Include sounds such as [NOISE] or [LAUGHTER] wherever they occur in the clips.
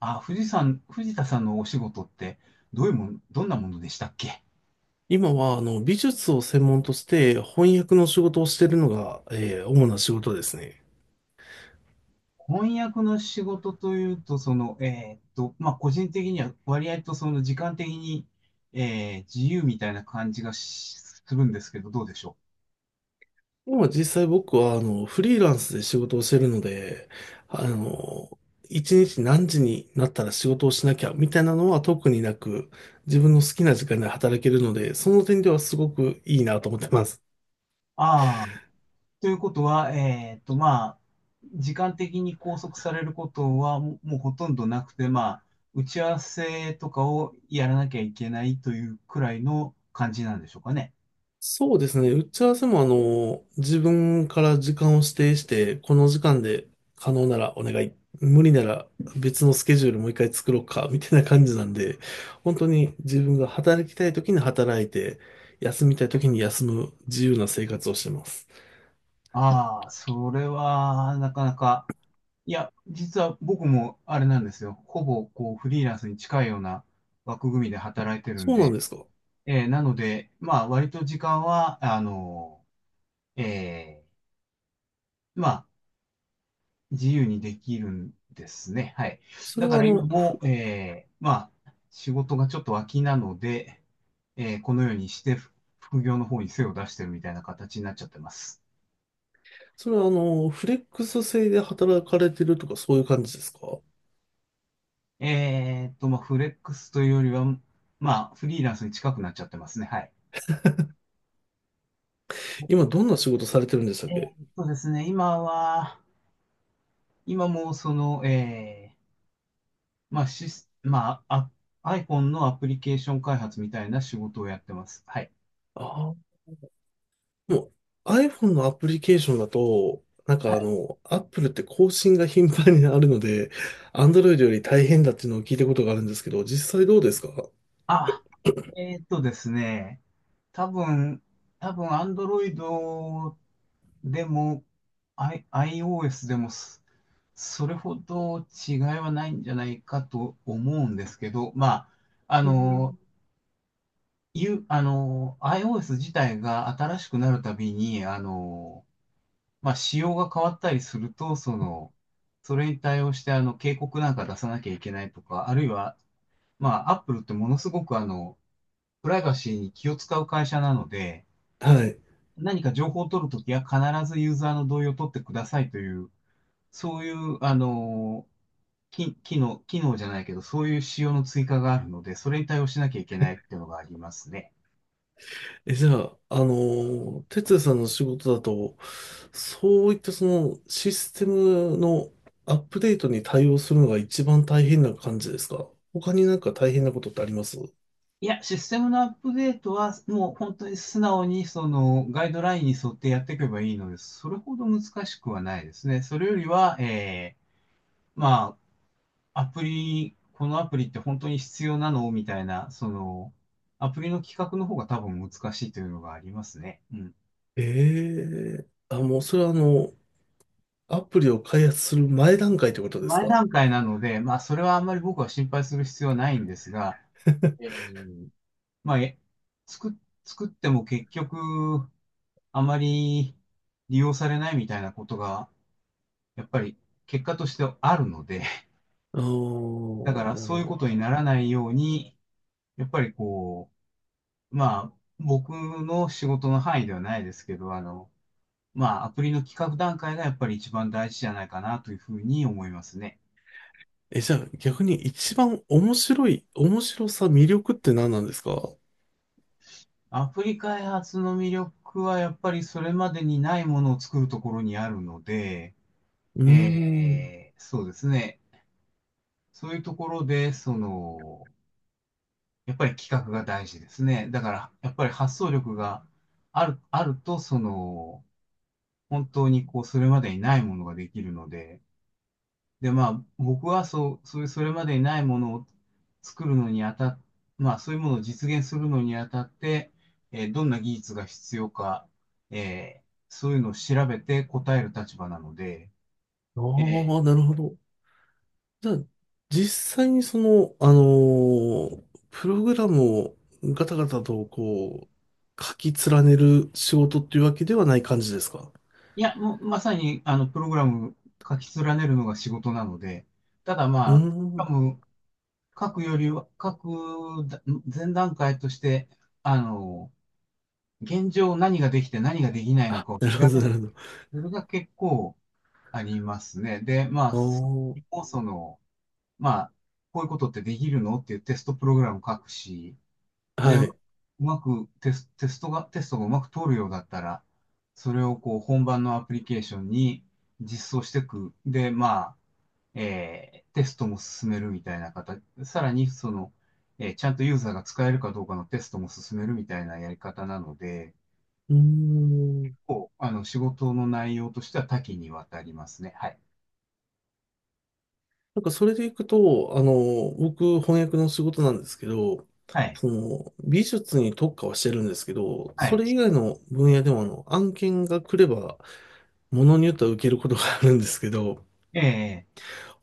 あ、藤さん、藤田さんのお仕事って、どういうもん、どんなものでしたっけ。今は、美術を専門として翻訳の仕事をしているのが、主な仕事ですね。翻訳の仕事というと、個人的には割合とその時間的に、自由みたいな感じがするんですけど、どうでしょう。今実際僕は、フリーランスで仕事をしているので、あの、一日何時になったら仕事をしなきゃ、みたいなのは特になく、自分の好きな時間で働けるので、その点ではすごくいいなと思ってます。ああ、ということは、時間的に拘束されることはうほとんどなくて、まあ、打ち合わせとかをやらなきゃいけないというくらいの感じなんでしょうかね。そうですね。打ち合わせも自分から時間を指定して、この時間で可能ならお願い。無理なら別のスケジュールもう一回作ろうか、みたいな感じなんで、本当に自分が働きたい時に働いて、休みたい時に休む自由な生活をしてます。ああ、それは、なかなか、いや、実は僕もあれなんですよ。ほぼ、こう、フリーランスに近いような枠組みで働いてるんそうなんで、ですか？なので、まあ、割と時間は、えーまあ、自由にできるんですね。はい。そだれかはあら今の、も、仕事がちょっと空きなので、このようにして、副業の方に背を出してるみたいな形になっちゃってます。それはあの、フレックス制で働かれてるとかそういう感じですか？フレックスというよりは、まあ、フリーランスに近くなっちゃってますね。はい。今どんな仕事されてるんでしたっけ？ですね、今もその、えー、まあ、シス、まあ、あ、iPhone のアプリケーション開発みたいな仕事をやってます。はい。ああー。もう iPhone のアプリケーションだと、はい。Apple って更新が頻繁にあるので、Android より大変だっていうのを聞いたことがあるんですけど、実際どうですか？あ、ですね、多分、多分 Android でも、iOS でもす、それほど違いはないんじゃないかと思うんですけど、まあ、あうの、ん。いうあの、iOS 自体が新しくなるたびに、仕様が変わったりすると、その、それに対応して、あの、警告なんか出さなきゃいけないとか、あるいは、まあ、Apple ってものすごく、あの、プライバシーに気を使う会社なので、はい。何か情報を取るときは必ずユーザーの同意を取ってくださいという、そういう、あの、き機能、機能じゃないけど、そういう仕様の追加があるので、それに対応しなきゃいけないっていうのがありますね。え、じゃあ、あの、哲也さんの仕事だと、そういったそのシステムのアップデートに対応するのが一番大変な感じですか？他になんか大変なことってあります？いや、システムのアップデートは、もう本当に素直にそのガイドラインに沿ってやっていけばいいのでそれほど難しくはないですね。それよりは、えー、まあ、アプリ、このアプリって本当に必要なのみたいな、その、アプリの企画の方が多分難しいというのがありますね。うん。ええ、あ、もうそれはあの、アプリを開発する前段階ってことです前か？ 段階なので、まあ、それはあんまり僕は心配する必要はないんですが、え [LAUGHS] ーまあ、え作、作っても結局、あまり利用されないみたいなことが、やっぱり結果としてあるので、ああ、[LAUGHS] だからなるそうほいうど。ことにならないように、やっぱりこう、まあ、僕の仕事の範囲ではないですけど、あの、まあ、アプリの企画段階がやっぱり一番大事じゃないかなというふうに思いますね。え、じゃあ逆に一番面白い、面白さ、魅力って何なんですか？うアプリ開発の魅力はやっぱりそれまでにないものを作るところにあるので、ーん。そうですね。そういうところで、その、やっぱり企画が大事ですね。だから、やっぱり発想力があると、その、本当にこう、それまでにないものができるので、で、まあ、僕はそう、そういう、それまでにないものを作るのにあたっ、まあ、そういうものを実現するのにあたって、えーどんな技術が必要か、えーそういうのを調べて答える立場なので、あえーあ、なるほど。じゃあ、実際にその、あのープログラムをガタガタとこう、書き連ねる仕事っていうわけではない感じですか？いや、もう、まさに、あの、プログラム書き連ねるのが仕事なので、ただうまーあ、プログん。ラム書くよりは、書く前段階として、あの、現状何ができて何ができないのあ、かを調なるほべど、なる。るそれが結構ありますね。で、まあ、ほそど。もその、まあ、こういうことってできるのっていうテストプログラム書くし、ああ、で、はうい。うまくテス、テストが、テストがうまく通るようだったら、それをこう本番のアプリケーションに実装していく。で、まあ、えーテストも進めるみたいな形、さらにその、えーちゃんとユーザーが使えるかどうかのテストも進めるみたいなやり方なので、ーん。こう、あの、仕事の内容としては多岐にわたりますね。はい。なんかそれでいくと、あの、僕、翻訳の仕事なんですけど、はい。その、美術に特化はしてるんですけど、はそい。れ以外の分野でもあの、案件が来れば、ものによっては受けることがあるんですけど、ええ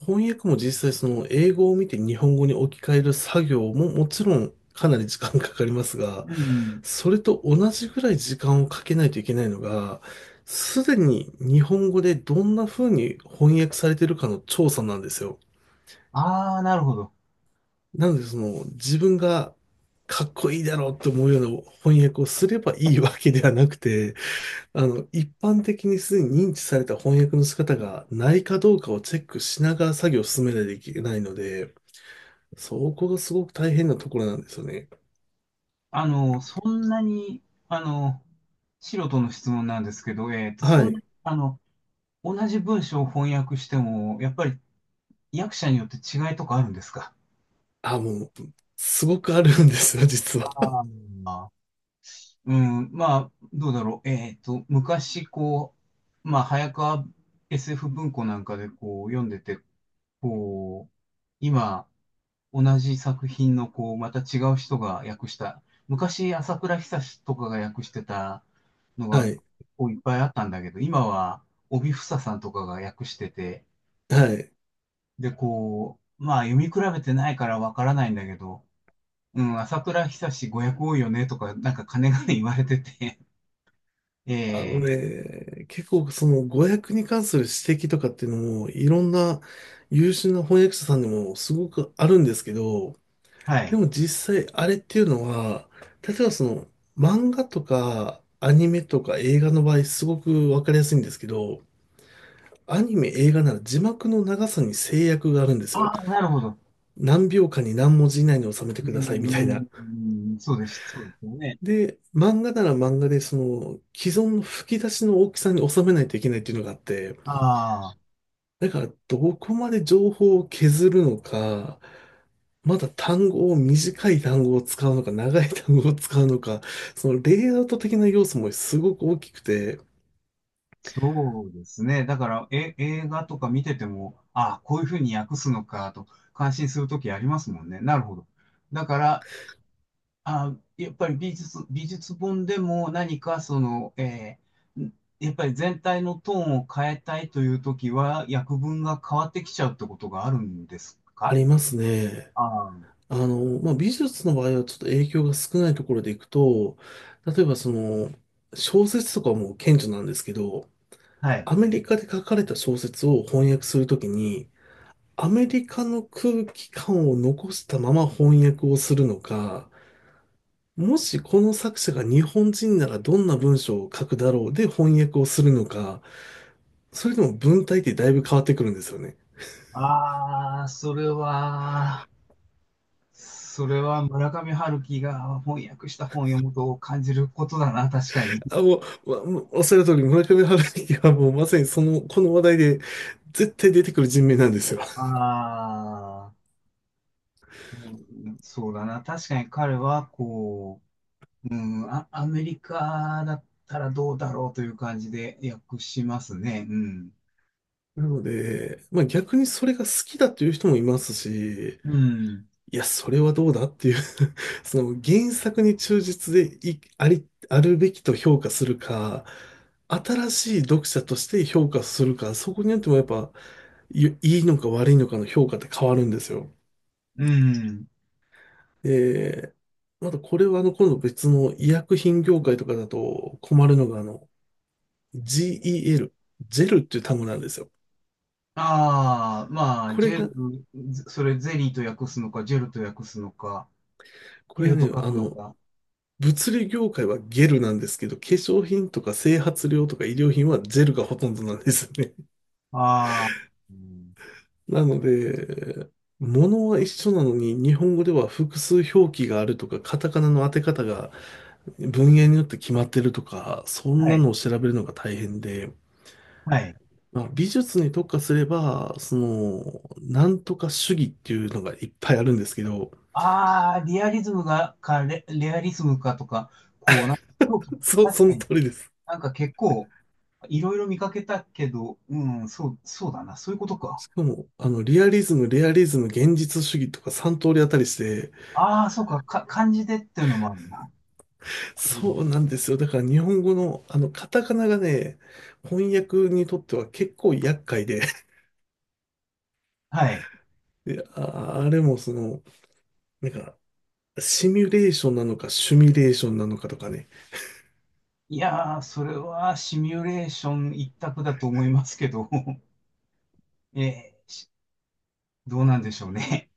翻訳も実際その、英語を見て日本語に置き換える作業ももちろんかなり時間かかりますが、うん。それと同じぐらい時間をかけないといけないのが、すでに日本語でどんな風に翻訳されてるかの調査なんですよ。ああ、なるほど。なので、その、自分がかっこいいだろうと思うような翻訳をすればいいわけではなくて、あの、一般的にすでに認知された翻訳の仕方がないかどうかをチェックしながら作業を進めないといけないので、そこがすごく大変なところなんですよね。あの、そんなに、あの、素人の質問なんですけど、えっと、そはんな、い。あの、同じ文章を翻訳しても、やっぱり役者によって違いとかあるんですか。あ、もう、すごくあるんですよ、実あは。あー、うん、まあ、どうだろう。えっと、昔、こう、まあ、早川 SF 文庫なんかで、こう、読んでて、こう、今、同じ作品の、こう、また違う人が訳した、昔、朝倉久とかが訳してたの [LAUGHS] はが、い。こう、いっぱいあったんだけど、今は、帯房さんとかが訳してて、はい。で、こう、まあ、読み比べてないからわからないんだけど、うん、朝倉久ご訳多いよね、とか、なんか、金がね言われてて、[LAUGHS] えあのえね、結構その語訳に関する指摘とかっていうのも、いろんな優秀な翻訳者さんでもすごくあるんですけど、はでい。も実際あれっていうのは、例えばその漫画とかアニメとか映画の場合すごくわかりやすいんですけど、アニメ映画なら字幕の長さに制約があるんですよ。ああ、なるほど。何秒間に何文字以内に収めてうくださいみたいーな。ん、そうです。そうですよね。で、漫画なら漫画でその既存の吹き出しの大きさに収めないといけないっていうのがあって、ああ、だからどこまで情報を削るのか、まだ単語を短い単語を使うのか、長い単語を使うのか、そのレイアウト的な要素もすごく大きくて、そうですね。だから、え、映画とか見てても、ああ、こういうふうに訳すのかと、感心するときありますもんね。なるほど。だから、ああ、やっぱり美術、美術本でも何かその、えーん、やっぱり全体のトーンを変えたいというときは、訳文が変わってきちゃうってことがあるんですあか。りますね。ああ、あの、まあ、美術の場合はちょっと影響が少ないところでいくと、例えばその、小説とかも顕著なんですけど、はい。アメリカで書かれた小説を翻訳するときに、アメリカの空気感を残したまま翻訳をするのか、もしこの作者が日本人ならどんな文章を書くだろうで翻訳をするのか、それでも文体ってだいぶ変わってくるんですよね。ああ、それは、それは村上春樹が翻訳した本を読むと感じることだな、確かに。あ、もう、おっしゃる通り村上春樹はもうまさにその、この話題で絶対出てくる人名なんですよ。ああ、うん、そうだな、確かに彼はこう、アメリカだったらどうだろうという感じで訳しますね。うん。なので、まあ逆にそれが好きだという人もいますし、うん。いや、それはどうだっていう [LAUGHS] その原作に忠実でい、あり、あるべきと評価するか、新しい読者として評価するか、そこによってもやっぱ、いいのか悪いのかの評価って変わるんですよ。うん。で、またこれはあの、今度別の医薬品業界とかだと困るのがあの、GEL、ジェルっていう単語なんですよ。ああ、まあ、こジれェが、ル、それゼリーと訳すのか、ジェルと訳すのか、ジこェれルと書ね、あくのの、か。物理業界はゲルなんですけど、化粧品とか整髪料とか医療品はジェルがほとんどなんですね。[LAUGHS] ああ、うん、なので、物は一緒なのに、日本語では複数表記があるとか、カタカナの当て方が文言によって決まってるとか、そんはない。のを調べるのが大変で、はい。まあ、美術に特化すれば、その、なんとか主義っていうのがいっぱいあるんですけど、ああ、リアリズムが、か、レ、レアリズムかとか、こう、なんか、そう [LAUGHS] 確そかのに、通りです。なんか結構、いろいろ見かけたけど、うん、そうだな、そういうことか。しかも、あの、リアリズム、レアリズム、現実主義とか3通りあったりして、ああ、そうか、か、漢字でっていうのもあるな。なるほど。そうなんですよ。だから日本語のあのカタカナがね、翻訳にとっては結構厄介で、はい。[LAUGHS] で、あれもその、なんか、シミュレーションなのかシュミレーションなのかとかね、いやー、それはシミュレーション一択だと思いますけど、[LAUGHS] えーしどうなんでしょうね。